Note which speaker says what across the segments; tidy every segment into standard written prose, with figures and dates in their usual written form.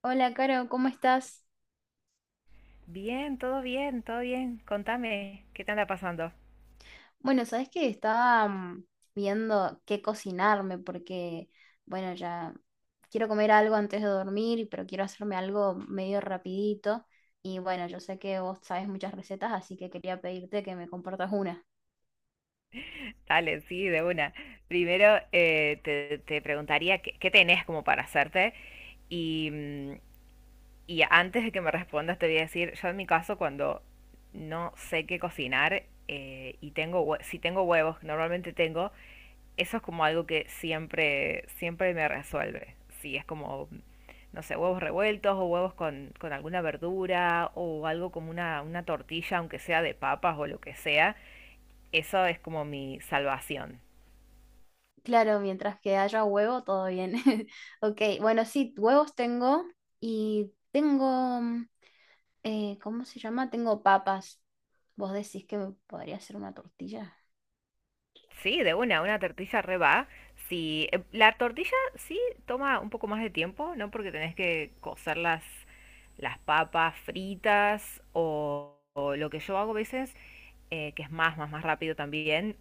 Speaker 1: Hola, Caro, ¿cómo estás?
Speaker 2: Bien, todo bien, todo bien. Contame, ¿qué te anda pasando?
Speaker 1: Bueno, sabes que estaba viendo qué cocinarme porque, bueno, ya quiero comer algo antes de dormir, pero quiero hacerme algo medio rapidito. Y bueno, yo sé que vos sabes muchas recetas, así que quería pedirte que me compartas una.
Speaker 2: Dale, sí, de una. Primero te preguntaría qué tenés como para hacerte. Y, mm, Y antes de que me respondas, te voy a decir, yo en mi caso, cuando no sé qué cocinar si tengo huevos, normalmente tengo, eso es como algo que siempre, siempre me resuelve. Si es como, no sé, huevos revueltos o huevos con alguna verdura o algo como una tortilla, aunque sea de papas o lo que sea, eso es como mi salvación.
Speaker 1: Claro, mientras que haya huevo, todo bien. Ok, bueno, sí, huevos tengo y tengo, ¿cómo se llama? Tengo papas. ¿Vos decís que me podría hacer una tortilla?
Speaker 2: Sí, de una tortilla re va. Sí, la tortilla sí toma un poco más de tiempo, ¿no? Porque tenés que cocer las papas fritas o lo que yo hago a veces, que es más rápido también,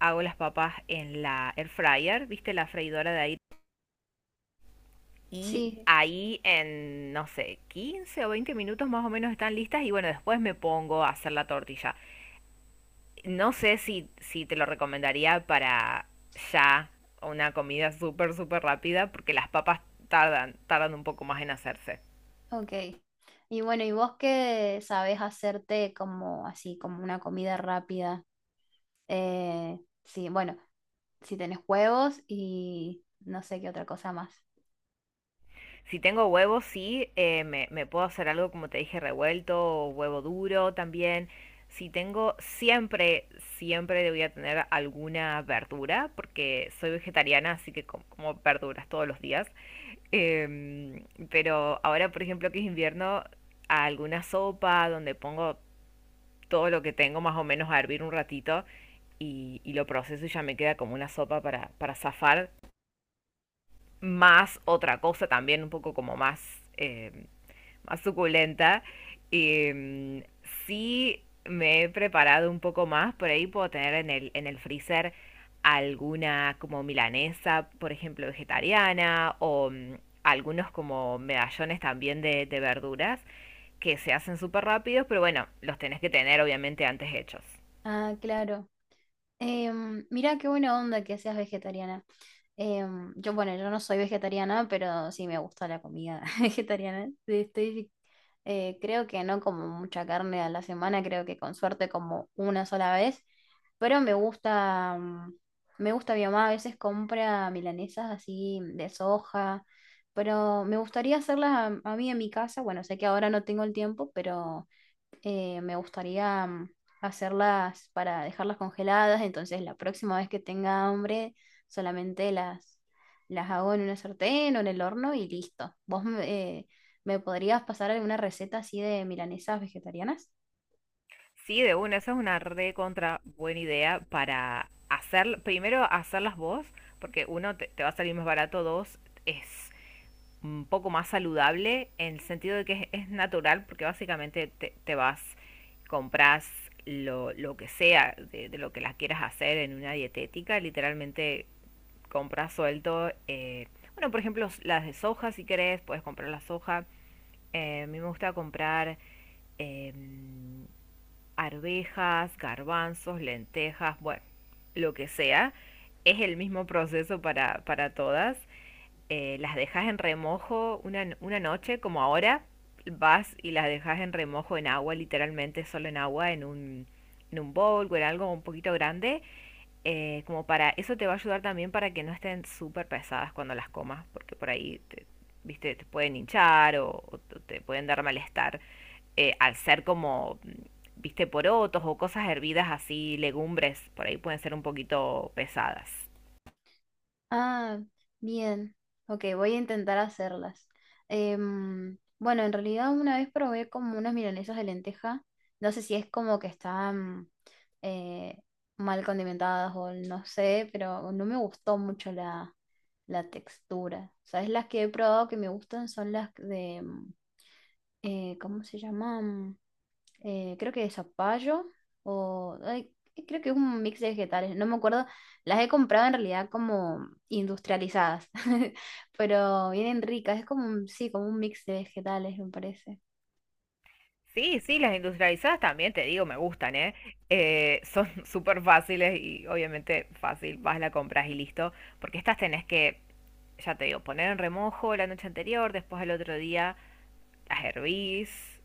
Speaker 2: hago las papas en la air fryer, ¿viste? La freidora de aire. Y
Speaker 1: Sí.
Speaker 2: ahí en, no sé, 15 o 20 minutos más o menos están listas y bueno, después me pongo a hacer la tortilla. No sé si te lo recomendaría para ya una comida súper, súper rápida, porque las papas tardan un poco más en hacerse.
Speaker 1: Ok. Y bueno, ¿y vos qué sabés hacerte como así, como una comida rápida? Eh, sí, bueno, si tenés huevos y no sé qué otra cosa más.
Speaker 2: Si tengo huevos, sí, me puedo hacer algo, como te dije, revuelto, o huevo duro también. Si tengo, Siempre, siempre voy a tener alguna verdura, porque soy vegetariana, así que como verduras todos los días. Em, pero ahora, por ejemplo, que es invierno, alguna sopa donde pongo todo lo que tengo más o menos a hervir un ratito y lo proceso y ya me queda como una sopa para zafar. Más otra cosa también un poco como más suculenta. Y, sí me he preparado un poco más, por ahí puedo tener en el freezer alguna como milanesa, por ejemplo, vegetariana, o algunos como medallones también de verduras que se hacen súper rápidos, pero bueno, los tenés que tener obviamente antes hechos.
Speaker 1: Ah, claro. Em, mirá qué buena onda que seas vegetariana. Em, yo, bueno, yo no soy vegetariana, pero sí me gusta la comida vegetariana. Estoy creo que no como mucha carne a la semana, creo que con suerte como una sola vez, pero me gusta, me gusta, mi mamá a veces compra milanesas así de soja, pero me gustaría hacerlas a mí en mi casa, bueno, sé que ahora no tengo el tiempo, pero me gustaría hacerlas para dejarlas congeladas, entonces la próxima vez que tenga hambre solamente las hago en una sartén o en el horno y listo. ¿Vos eh, me podrías pasar alguna receta así de milanesas vegetarianas?
Speaker 2: Sí, de una, esa es una re contra buena idea para hacer, primero hacerlas vos, porque uno te va a salir más barato, dos es un poco más saludable en el sentido de que es natural, porque básicamente te vas, compras lo que sea de lo que las quieras hacer en una dietética, literalmente compras suelto, bueno, por ejemplo, las de soja, si querés, puedes comprar la soja. A mí me gusta comprar em, arvejas, garbanzos, lentejas, bueno, lo que sea. Es el mismo proceso para todas. Las dejas en remojo una noche, como ahora, vas y las dejas en remojo en agua, literalmente solo en agua, en un bowl o en algo un poquito grande, como para eso te va a ayudar también para que no estén súper pesadas cuando las comas, porque por ahí te, viste, te pueden hinchar o te pueden dar malestar al ser como, viste, porotos o cosas hervidas así, legumbres, por ahí pueden ser un poquito pesadas.
Speaker 1: Ah, bien. Ok, voy a intentar hacerlas. Em, bueno, en realidad una vez probé como unas milanesas de lenteja. No sé si es como que están eh, mal condimentadas o no sé, pero no me gustó mucho la textura. ¿Sabes? Las que he probado que me gustan son las de, ¿cómo se llama? Creo que de zapallo o ay, creo que es un mix de vegetales, no me acuerdo. Las he comprado en realidad como industrializadas, pero vienen ricas, es como un, sí, como un mix de vegetales, me parece.
Speaker 2: Sí, sí, las industrializadas también, te digo, me gustan, ¿eh? Son súper fáciles y obviamente fácil, vas, la compras y listo, porque estas tenés que, ya te digo, poner en remojo la noche anterior, después al otro día las hervís,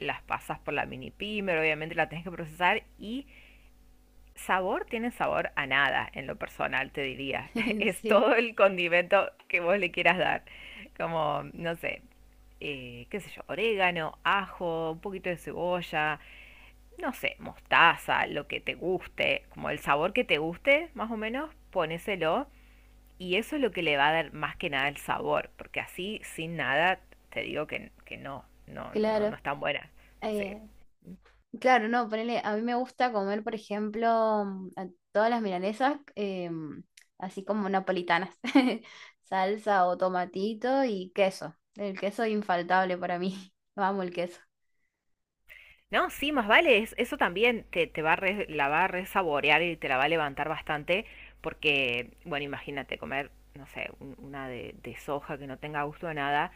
Speaker 2: las pasas por la mini pimer, obviamente la tenés que procesar y sabor tiene sabor a nada en lo personal, te diría. Es
Speaker 1: Sí,
Speaker 2: todo el condimento que vos le quieras dar. Como, no sé, qué sé yo, orégano, ajo, un poquito de cebolla, no sé, mostaza, lo que te guste, como el sabor que te guste, más o menos, ponéselo y eso es lo que le va a dar más que nada el sabor, porque así, sin nada, te digo que no, no, no, no
Speaker 1: claro.
Speaker 2: están buenas. Sí.
Speaker 1: Eh, claro, no, ponele, a mí me gusta comer, por ejemplo, a todas las milanesas, así como napolitanas, salsa o tomatito y queso. El queso infaltable para mí. Vamos, el queso.
Speaker 2: No, sí, más vale, eso también te va a la va a resaborear y te la va a levantar bastante, porque, bueno, imagínate comer, no sé, una de soja que no tenga gusto de nada,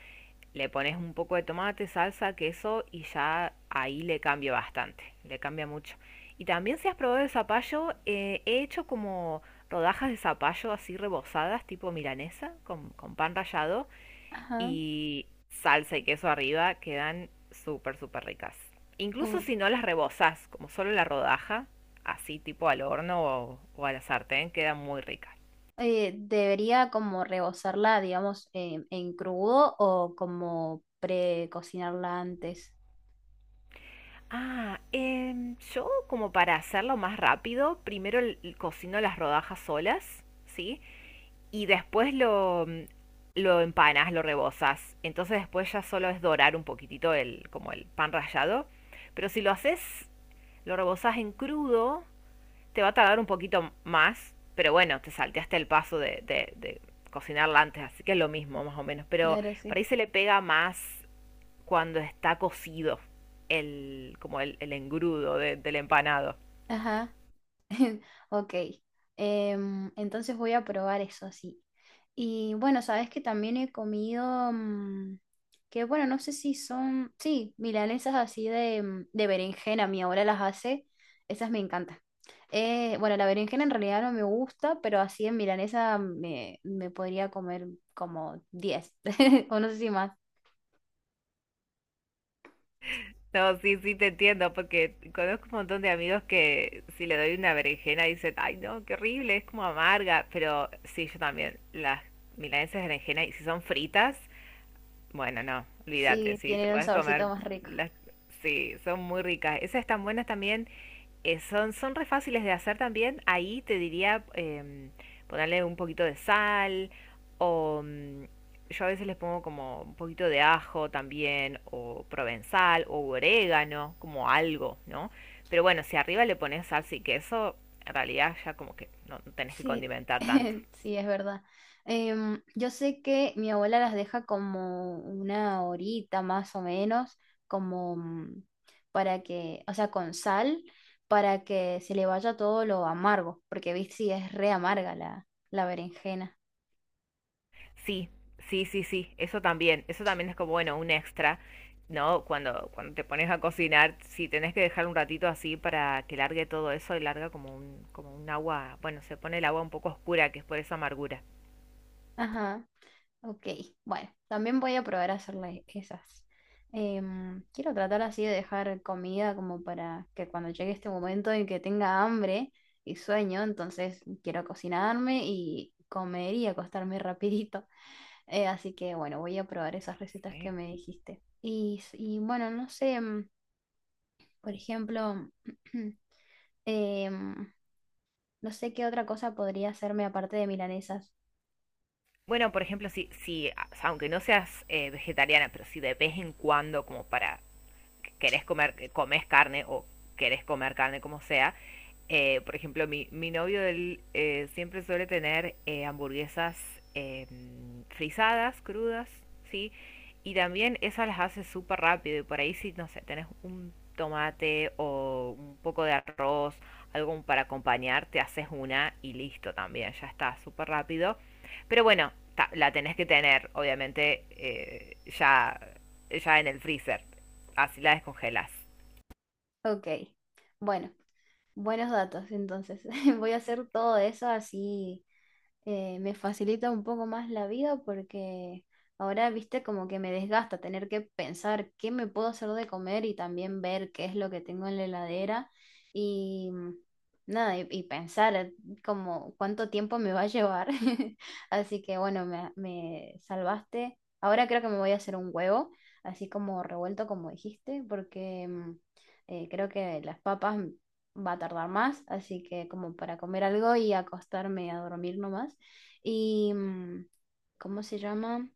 Speaker 2: le pones un poco de tomate, salsa, queso y ya ahí le cambia bastante, le cambia mucho. Y también si has probado el zapallo, he hecho como rodajas de zapallo así rebozadas, tipo milanesa, con pan rallado,
Speaker 1: Ajá.
Speaker 2: y salsa y queso arriba, quedan súper, súper ricas.
Speaker 1: Uh,
Speaker 2: Incluso si no las rebozas, como solo la rodaja, así tipo al horno o a la sartén, queda muy rica.
Speaker 1: debería como rebozarla, digamos, en crudo o como precocinarla antes.
Speaker 2: Ah, yo como para hacerlo más rápido, primero cocino las rodajas solas, ¿sí? Y después lo empanas, lo rebozas. Entonces después ya solo es dorar un poquitito el, como el pan rallado. Pero si lo haces, lo rebozas en crudo. Te va a tardar un poquito más, pero bueno, te salteaste el paso de cocinarla antes, así que es lo mismo más o menos. Pero
Speaker 1: Claro,
Speaker 2: por ahí
Speaker 1: sí.
Speaker 2: se le pega más cuando está cocido como el engrudo del empanado.
Speaker 1: Ajá. Ok, em, entonces voy a probar eso, sí. Y bueno, sabes que también he comido, que bueno, no sé si son, sí, milanesas así de, de berenjena, mi abuela las hace, esas me encantan. Bueno, la berenjena en realidad no me gusta, pero así en milanesa me podría comer como 10 o no sé si más.
Speaker 2: No, sí, sí te entiendo, porque conozco un montón de amigos que si le doy una berenjena dicen, ay no, qué horrible, es como amarga, pero sí, yo también, las milanesas de berenjena, y si son fritas, bueno, no, olvídate,
Speaker 1: Sí,
Speaker 2: sí, te
Speaker 1: tienen un
Speaker 2: puedes comer
Speaker 1: saborcito más.
Speaker 2: las. Sí, son muy ricas. Esas están buenas también. Son re fáciles de hacer también. Ahí te diría ponerle un poquito de sal o yo a veces les pongo como un poquito de ajo también o provenzal o orégano, como algo, ¿no? Pero bueno, si arriba le pones salsa y queso, en realidad ya como que no, no tenés que
Speaker 1: Sí,
Speaker 2: condimentar tanto.
Speaker 1: sí, es verdad. Em, yo sé que mi abuela las deja como una horita más o menos, como para que, o sea, con sal, para que se le vaya todo lo amargo, porque viste, sí, es re amarga la berenjena.
Speaker 2: Sí, sí, sí, sí, eso también es como, bueno, un extra, ¿no? Cuando te pones a cocinar, si tenés que dejar un ratito así para que largue todo eso y larga como un, agua, bueno, se pone el agua un poco oscura, que es por esa amargura.
Speaker 1: Ajá. Ok, bueno, también voy a probar a hacerle esas. Em, quiero tratar así de dejar comida como para que cuando llegue este momento en que tenga hambre y sueño, entonces quiero cocinarme y comer y acostarme rapidito. Así que bueno, voy a probar esas recetas que
Speaker 2: Sí.
Speaker 1: me dijiste. Y bueno, no sé, em, por ejemplo, em, no sé qué otra cosa podría hacerme aparte de milanesas.
Speaker 2: Bueno, por ejemplo, si aunque no seas vegetariana, pero si de vez en cuando, como para que querés comer, que comes carne o querés comer carne como sea, por ejemplo, mi novio él, siempre suele tener hamburguesas eh, frisadas, crudas, ¿sí? Y también esas las haces súper rápido y por ahí si, no sé, tenés un tomate o un poco de arroz, algo para acompañar, te haces una y listo también, ya está, súper rápido. Pero bueno, la tenés que tener, obviamente, ya en el freezer, así la descongelas.
Speaker 1: Ok, bueno. Buenos datos, entonces. Voy a hacer todo eso así me facilita un poco más la vida porque ahora, viste, como que me desgasta tener que pensar qué me puedo hacer de comer y también ver qué es lo que tengo en la heladera y nada, y pensar como cuánto tiempo me va a llevar. Así que bueno, me salvaste. Ahora creo que me voy a hacer un huevo, así como revuelto como dijiste, porque... creo que las papas va a tardar más, así que como para comer algo y acostarme a dormir nomás. Y, ¿cómo se llama?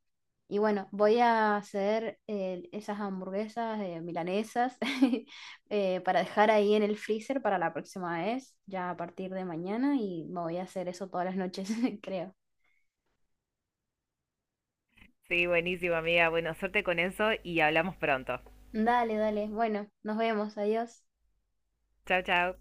Speaker 1: Y bueno, voy a hacer esas hamburguesas milanesas para dejar ahí en el freezer para la próxima vez, ya a partir de mañana, y me voy a hacer eso todas las noches, creo.
Speaker 2: Sí, buenísimo amiga, bueno, suerte con eso y hablamos pronto.
Speaker 1: Dale, dale. Bueno, nos vemos. Adiós.
Speaker 2: Chao, chao.